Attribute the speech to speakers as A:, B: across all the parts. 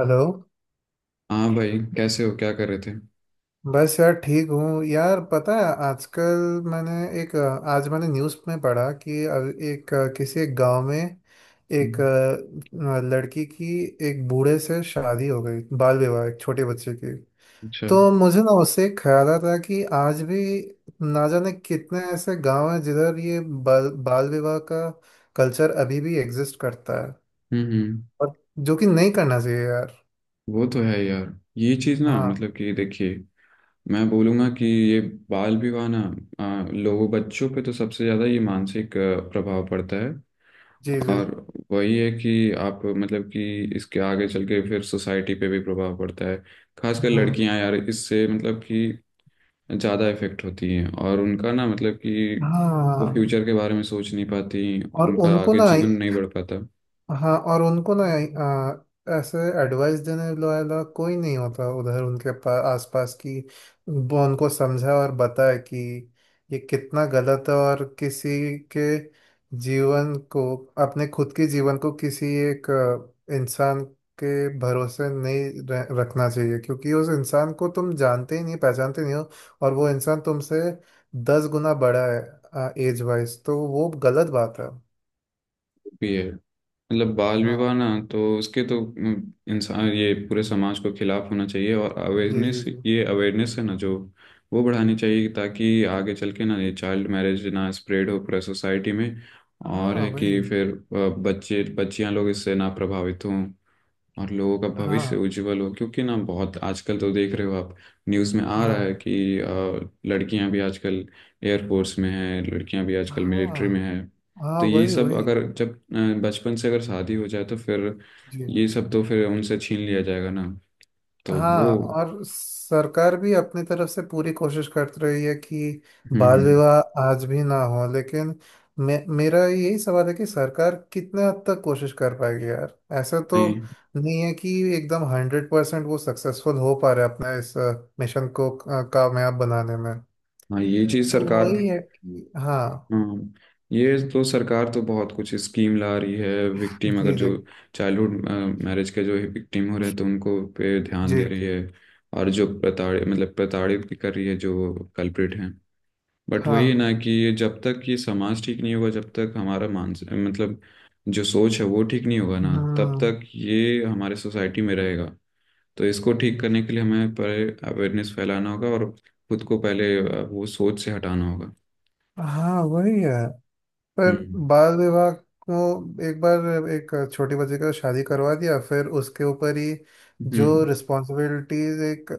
A: Hello.
B: हाँ भाई, कैसे हो? क्या कर रहे थे?
A: बस यार ठीक हूँ यार। पता है, आजकल मैंने एक अ, आज मैंने न्यूज़ में पढ़ा कि किसी एक गांव में
B: हम्म।
A: लड़की की एक बूढ़े से शादी हो गई। बाल विवाह, एक छोटे बच्चे की।
B: अच्छा। हम्म,
A: तो मुझे ना उससे एक ख्याल आता कि आज भी ना जाने कितने ऐसे गांव हैं जिधर ये बाल बाल विवाह का कल्चर अभी भी एग्जिस्ट करता है।
B: हम्म।
A: और जो कि नहीं करना चाहिए यार।
B: वो तो है यार। ये चीज़ ना,
A: हाँ।
B: मतलब कि देखिए, मैं बोलूँगा कि ये बाल विवाह ना, लोगों बच्चों पे तो सबसे ज़्यादा ये मानसिक प्रभाव पड़ता है।
A: जी जी।
B: और वही है कि आप मतलब कि इसके आगे चल के फिर सोसाइटी पे भी प्रभाव पड़ता है। खासकर
A: हम्म।
B: लड़कियां यार, इससे मतलब कि ज़्यादा इफेक्ट होती हैं, और उनका ना मतलब कि वो
A: हाँ
B: फ्यूचर के बारे में सोच नहीं पाती और
A: और
B: उनका
A: उनको
B: आगे
A: ना
B: जीवन नहीं बढ़ पाता।
A: हाँ, और उनको ना ऐसे एडवाइस देने वाला कोई नहीं होता उधर, उनके पास आसपास की। वो उनको समझा और बताए कि ये कितना गलत है। और किसी के जीवन को, अपने खुद के जीवन को किसी एक इंसान के भरोसे नहीं रखना चाहिए, क्योंकि उस इंसान को तुम जानते ही नहीं, पहचानते नहीं हो। और वो इंसान तुमसे 10 गुना बड़ा है एज वाइज, तो वो गलत बात है।
B: भी है। मतलब बाल विवाह
A: हाँ।
B: ना, तो उसके तो इंसान ये पूरे समाज को खिलाफ होना चाहिए, और
A: जी जी
B: अवेयरनेस,
A: जी।
B: ये अवेयरनेस है ना जो वो बढ़ानी चाहिए, ताकि आगे चल के ना ये चाइल्ड मैरिज ना स्प्रेड हो पूरे सोसाइटी में। और
A: हाँ
B: है कि
A: वही।
B: फिर बच्चे बच्चियां लोग इससे ना प्रभावित हों और लोगों का भविष्य
A: हाँ
B: उज्जवल हो, क्योंकि ना बहुत आजकल तो देख रहे हो आप, न्यूज़ में आ रहा है
A: हाँ।
B: कि लड़कियां भी आजकल एयरफोर्स में हैं, लड़कियां भी आजकल मिलिट्री में
A: हाँ
B: हैं।
A: हाँ
B: तो ये
A: वही
B: सब
A: वही।
B: अगर जब बचपन से अगर शादी हो जाए तो फिर
A: जी।
B: ये सब तो फिर उनसे छीन लिया जाएगा ना। तो वो।
A: हाँ, और सरकार भी अपनी तरफ से पूरी कोशिश करती रही है कि
B: हम्म,
A: बाल
B: हम्म।
A: विवाह आज भी ना हो, लेकिन मे मेरा यही सवाल है कि सरकार कितने हद तक कोशिश कर पाएगी यार। ऐसा तो
B: नहीं।
A: नहीं है कि एकदम 100% वो सक्सेसफुल हो पा रहे अपने इस मिशन को कामयाब बनाने में।
B: हाँ, ये चीज़
A: तो
B: सरकार।
A: वही है कि हाँ।
B: हाँ, ये तो सरकार तो बहुत कुछ स्कीम ला रही है, विक्टिम अगर
A: जी
B: जो
A: जी
B: चाइल्डहुड मैरिज के जो विक्टिम हो रहे हैं तो उनको पे ध्यान
A: जी।
B: दे रही है। और जो प्रताड़ित, मतलब प्रताड़ित भी कर रही है जो कल्प्रिट हैं। बट वही है
A: हाँ
B: ना कि ये जब तक ये समाज ठीक नहीं होगा, जब तक हमारा मानस मतलब जो सोच है वो ठीक नहीं होगा ना, तब
A: हाँ
B: तक ये हमारे सोसाइटी में रहेगा। तो इसको ठीक करने के लिए हमें पहले अवेयरनेस फैलाना होगा, और खुद को पहले वो सोच से हटाना होगा।
A: हाँ वही है। पर
B: हम्म,
A: बाल विवाह को, एक बार एक छोटी बच्ची का शादी करवा दिया, फिर उसके ऊपर ही जो
B: हम्म,
A: रिस्पॉन्सिबिलिटीज एक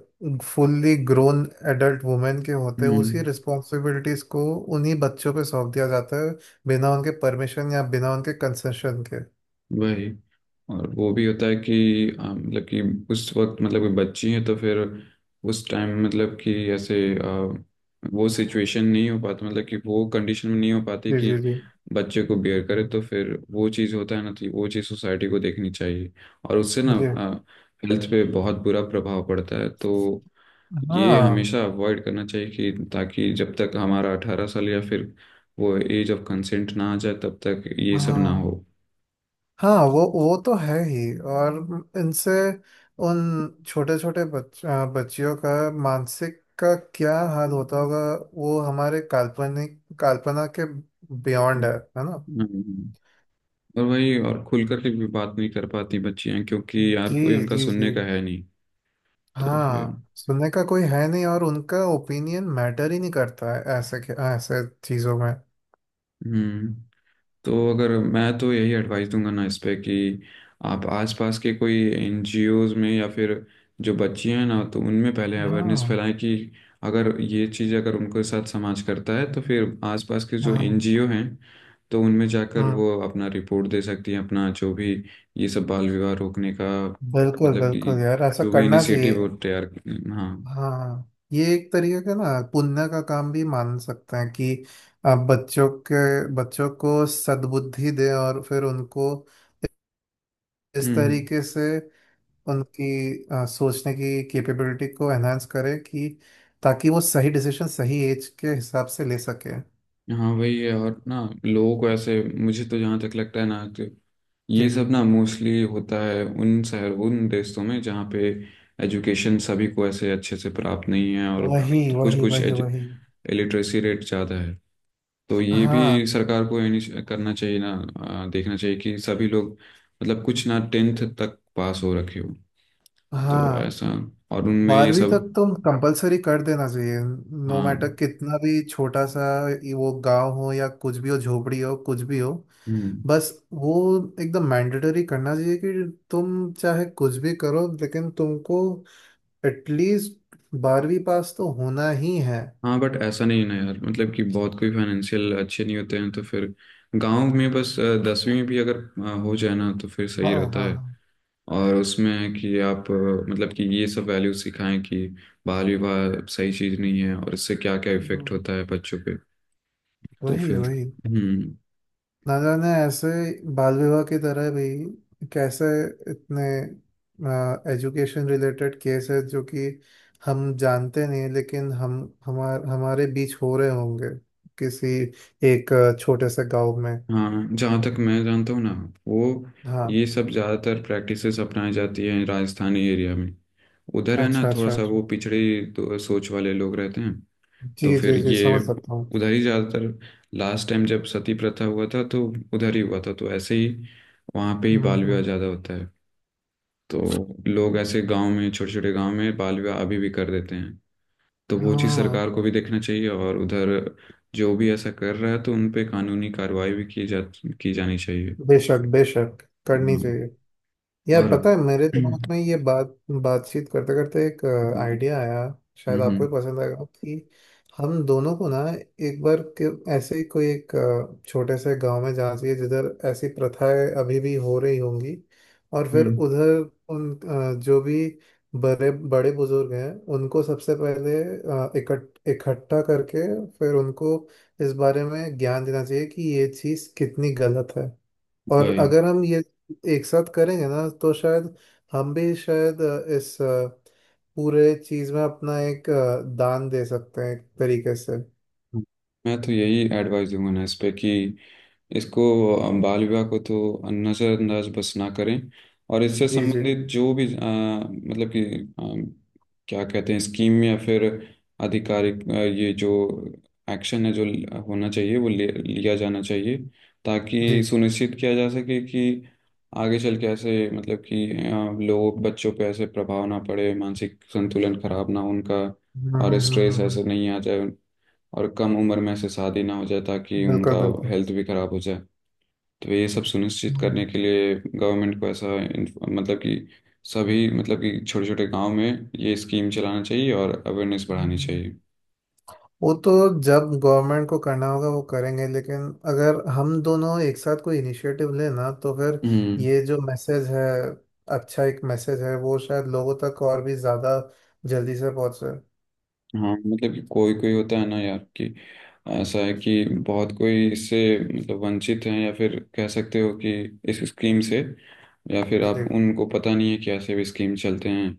A: फुल्ली ग्रोन एडल्ट वुमेन के होते हैं, उसी
B: हम्म।
A: रिस्पॉन्सिबिलिटीज को उन्हीं बच्चों पे सौंप दिया जाता है, बिना उनके परमिशन या बिना उनके कंसेशन के।
B: वही। और वो भी होता है कि मतलब कि उस वक्त मतलब कोई बच्ची है, तो फिर उस टाइम मतलब कि ऐसे वो सिचुएशन नहीं हो पाता, मतलब कि वो कंडीशन में नहीं हो पाती
A: जी
B: कि
A: जी जी
B: बच्चे को बियर करे, तो फिर वो चीज़ होता है ना, तो वो चीज़ सोसाइटी को देखनी चाहिए। और उससे ना
A: जी।
B: हेल्थ पे बहुत बुरा प्रभाव पड़ता है, तो ये
A: हाँ
B: हमेशा अवॉइड करना चाहिए कि ताकि जब तक हमारा 18 साल या फिर वो एज ऑफ कंसेंट ना आ जाए, तब तक ये सब ना
A: हाँ
B: हो।
A: हाँ, वो तो है ही। और इनसे उन छोटे छोटे बच्चियों का मानसिक का क्या हाल होता होगा, वो हमारे काल्पनिक कल्पना के बियॉन्ड है। है ना?
B: हम्म। और वही, और खुल करके भी बात नहीं कर पाती बच्चियां, क्योंकि यार
A: जी
B: कोई उनका
A: जी जी।
B: सुनने का है नहीं। तो फिर।
A: हाँ, सुनने का कोई है नहीं, और उनका ओपिनियन मैटर ही नहीं करता है ऐसे ऐसे चीजों में।
B: हम्म। तो अगर मैं तो यही एडवाइस दूंगा ना इस पे कि आप आसपास के कोई एनजीओज में, या फिर जो बच्चियां हैं ना तो उनमें पहले अवेयरनेस
A: हाँ
B: फैलाएं कि अगर ये चीज़ अगर उनके साथ समाज करता है, तो फिर आसपास के जो
A: हाँ।
B: एनजीओ हैं तो उनमें जाकर
A: हम्म।
B: वो अपना रिपोर्ट दे सकती हैं, अपना जो भी ये सब बाल विवाह रोकने का,
A: बिल्कुल
B: मतलब कि
A: बिल्कुल यार, ऐसा
B: जो भी
A: करना चाहिए।
B: इनिशिएटिव वो तैयार। हाँ।
A: हाँ, ये एक तरीके का ना पुण्य का काम भी मान सकते हैं कि आप बच्चों को सद्बुद्धि दें, और फिर उनको
B: हम्म,
A: इस
B: हम्म।
A: तरीके से उनकी सोचने की कैपेबिलिटी को एनहांस करें कि ताकि वो सही डिसीजन सही एज के हिसाब से ले सके।
B: हाँ, वही है। और ना लोगों को ऐसे, मुझे तो जहाँ तक लगता है ना तो
A: जी।
B: ये सब ना मोस्टली होता है उन शहर उन देशों में जहाँ पे एजुकेशन सभी को ऐसे अच्छे से प्राप्त नहीं है, और
A: वही
B: तो कुछ
A: वही
B: कुछ
A: वही वही।
B: लिटरेसी रेट ज़्यादा है। तो ये भी
A: हाँ
B: सरकार को करना चाहिए ना। देखना चाहिए कि सभी लोग, मतलब कुछ ना 10th तक पास हो रखे हो। तो
A: हाँ।
B: ऐसा। और उनमें ये
A: 12वीं तक
B: सब।
A: तो कंपलसरी कर देना चाहिए, नो मैटर
B: हाँ।
A: कितना भी छोटा सा ये वो गांव हो या कुछ भी हो, झोपड़ी हो कुछ भी हो,
B: हम्म।
A: बस वो एकदम मैंडेटरी करना चाहिए कि तुम चाहे कुछ भी करो, लेकिन तुमको एटलीस्ट 12वीं पास तो होना ही है।
B: हाँ, बट ऐसा नहीं है ना यार, मतलब कि बहुत कोई फाइनेंशियल अच्छे नहीं होते हैं तो फिर गांव में बस 10वीं में भी अगर हो जाए ना तो फिर
A: हाँ
B: सही रहता
A: हाँ
B: है। और उसमें कि आप मतलब कि ये सब वैल्यू सिखाएं कि बाल विवाह सही चीज़ नहीं है, और इससे क्या क्या इफेक्ट
A: हाँ।
B: होता है बच्चों पे। तो
A: वही
B: फिर।
A: वही।
B: हम्म।
A: ना जाने ऐसे बाल विवाह की तरह भी कैसे इतने एजुकेशन रिलेटेड केस है जो कि हम जानते नहीं, लेकिन हम हमार हमारे बीच हो रहे होंगे किसी एक छोटे से गांव में।
B: हाँ, जहाँ तक मैं जानता हूँ ना, वो ये
A: हाँ।
B: सब ज़्यादातर प्रैक्टिसेस अपनाई जाती हैं राजस्थानी एरिया में। उधर है ना,
A: अच्छा
B: थोड़ा
A: अच्छा
B: सा
A: अच्छा।
B: वो पिछड़ी तो सोच वाले लोग रहते हैं। तो
A: जी जी
B: फिर
A: जी,
B: ये
A: समझ सकता हूँ।
B: उधर ही ज़्यादातर, लास्ट टाइम जब सती प्रथा हुआ था तो उधर ही हुआ था, तो ऐसे ही वहाँ पे ही
A: हम्म
B: बाल विवाह
A: हम्म।
B: ज़्यादा होता है। तो लोग ऐसे गांव में, छोटे छोटे गांव में बाल विवाह अभी भी कर देते हैं। तो वो चीज़
A: हाँ,
B: सरकार को भी देखना चाहिए, और उधर जो भी ऐसा कर रहा है तो उन पे कानूनी कार्रवाई भी की जानी चाहिए।
A: बेशक बेशक करनी
B: हाँ।
A: चाहिए। यार
B: और
A: पता है, मेरे दिमाग
B: हम्म,
A: में ये बात बातचीत करते करते एक आइडिया आया, शायद
B: हम्म,
A: आपको भी पसंद आएगा कि हम दोनों को ना एक बार के ऐसे ही कोई एक छोटे से गांव में जाना चाहिए जिधर ऐसी प्रथाएं अभी भी हो रही होंगी। और फिर
B: हम्म।
A: उधर उन जो भी बड़े बड़े बुजुर्ग हैं उनको सबसे पहले इकट्ठा करके, फिर उनको इस बारे में ज्ञान देना चाहिए कि ये चीज़ कितनी गलत है। और
B: वही,
A: अगर हम ये एक साथ करेंगे ना, तो शायद हम भी शायद इस पूरे चीज में अपना एक दान दे सकते हैं एक तरीके से।
B: मैं तो यही एडवाइस दूंगा ना इस पे कि इसको, बाल विवाह को तो नज़रअंदाज बस ना करें, और इससे
A: जी जी
B: संबंधित जो भी मतलब कि अ, क्या कहते हैं स्कीम या फिर आधिकारिक ये जो एक्शन है जो होना चाहिए वो लिया जाना चाहिए,
A: जी।
B: ताकि सुनिश्चित किया जा सके कि आगे चल के ऐसे मतलब कि लोग बच्चों पे ऐसे प्रभाव ना पड़े, मानसिक संतुलन खराब ना हो उनका,
A: हम्म
B: और
A: हम्म हम्म
B: स्ट्रेस
A: हम्म।
B: ऐसे नहीं आ जाए, और कम उम्र में ऐसे शादी ना हो जाए, ताकि उनका
A: बिल्कुल बिल्कुल।
B: हेल्थ भी खराब हो जाए। तो ये सब सुनिश्चित
A: हम्म
B: करने के लिए गवर्नमेंट को ऐसा मतलब कि सभी, मतलब कि छोटे छोटे गांव में ये स्कीम चलाना चाहिए और अवेयरनेस बढ़ानी
A: हम्म।
B: चाहिए।
A: वो तो जब गवर्नमेंट को करना होगा वो करेंगे, लेकिन अगर हम दोनों एक साथ कोई इनिशिएटिव लें ना, तो फिर
B: हम्म।
A: ये जो मैसेज है, अच्छा एक मैसेज है, वो शायद लोगों तक और भी ज़्यादा जल्दी से पहुंचे।
B: हाँ, मतलब कि कोई कोई होता है ना यार, कि ऐसा है कि बहुत कोई इससे मतलब वंचित हैं, या फिर कह सकते हो कि इस स्कीम से, या फिर आप
A: जी
B: उनको पता नहीं है कि ऐसे भी स्कीम चलते हैं।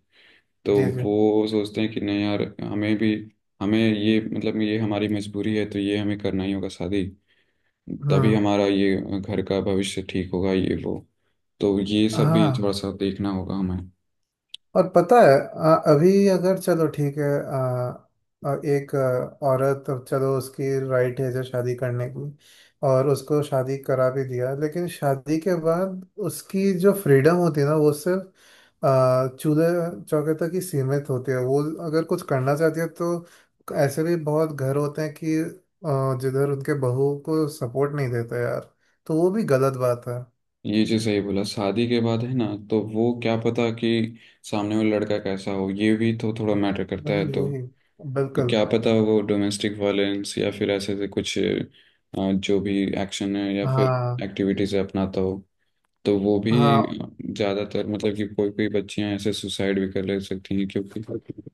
B: तो
A: जी जी।
B: वो सोचते हैं कि नहीं यार, हमें भी, हमें ये मतलब ये हमारी मजबूरी है तो ये हमें करना ही होगा शादी, तभी
A: हाँ
B: हमारा ये घर का भविष्य ठीक होगा, ये वो। तो ये सब भी
A: हाँ।
B: थोड़ा सा देखना होगा हमें।
A: और पता है, अभी अगर, चलो ठीक है, आ, आ, एक औरत, अब चलो उसकी राइट एज है शादी करने की, और उसको शादी करा भी दिया, लेकिन शादी के बाद उसकी जो फ्रीडम होती है ना, वो सिर्फ चूल्हे चौके तक ही सीमित होती है। वो अगर कुछ करना चाहती है तो ऐसे भी बहुत घर होते हैं कि जिधर उनके बहू को सपोर्ट नहीं देता यार। तो वो भी गलत बात है।
B: ये चीज़ सही बोला, शादी के बाद है ना, तो वो क्या पता कि सामने वाला लड़का कैसा हो, ये भी तो थोड़ा मैटर करता
A: वही
B: है। तो
A: वही। बिल्कुल।
B: क्या पता वो डोमेस्टिक वायलेंस या फिर ऐसे से कुछ जो भी एक्शन है या फिर
A: हाँ
B: एक्टिविटीज है अपनाता हो, तो वो भी
A: हाँ।
B: ज्यादातर, मतलब कि कोई कोई बच्चियां ऐसे सुसाइड भी कर ले सकती हैं, क्योंकि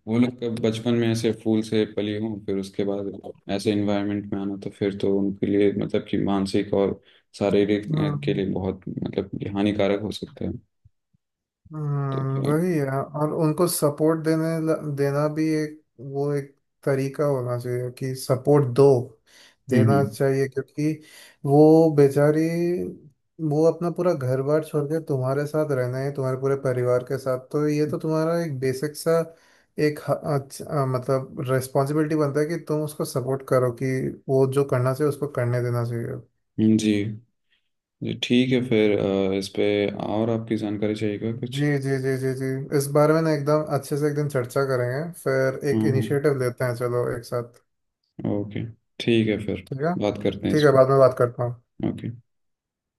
B: वो लोग कब बचपन में ऐसे फूल से पली हों, फिर उसके बाद ऐसे इन्वायरमेंट में आना तो फिर तो उनके लिए मतलब कि मानसिक और शारीरिक के
A: हम्म।
B: लिए बहुत मतलब कि हानिकारक हो सकता है। तो फिर।
A: वही है। और उनको सपोर्ट देना भी एक, वो एक तरीका होना चाहिए कि सपोर्ट दो
B: हम्म,
A: देना
B: हम्म,
A: चाहिए, क्योंकि वो बेचारी, वो अपना पूरा घर बार छोड़ के तुम्हारे साथ रहना है तुम्हारे पूरे परिवार के साथ, तो ये तो तुम्हारा एक बेसिक सा एक मतलब रिस्पॉन्सिबिलिटी बनता है कि तुम उसको सपोर्ट करो, कि वो जो करना चाहिए उसको करने देना चाहिए।
B: हम्म। जी, जी ठीक है फिर इस पे और आपकी जानकारी चाहिए क्या कुछ?
A: जी जी जी जी जी। इस बारे में ना एकदम अच्छे से एक दिन चर्चा करेंगे, फिर
B: हाँ,
A: एक
B: हाँ।
A: इनिशिएटिव लेते हैं चलो एक साथ।
B: ओके। ठीक है, फिर
A: ठीक है।
B: बात करते हैं इस
A: ठीक है,
B: पे।
A: बाद में बात करता हूँ।
B: ओके।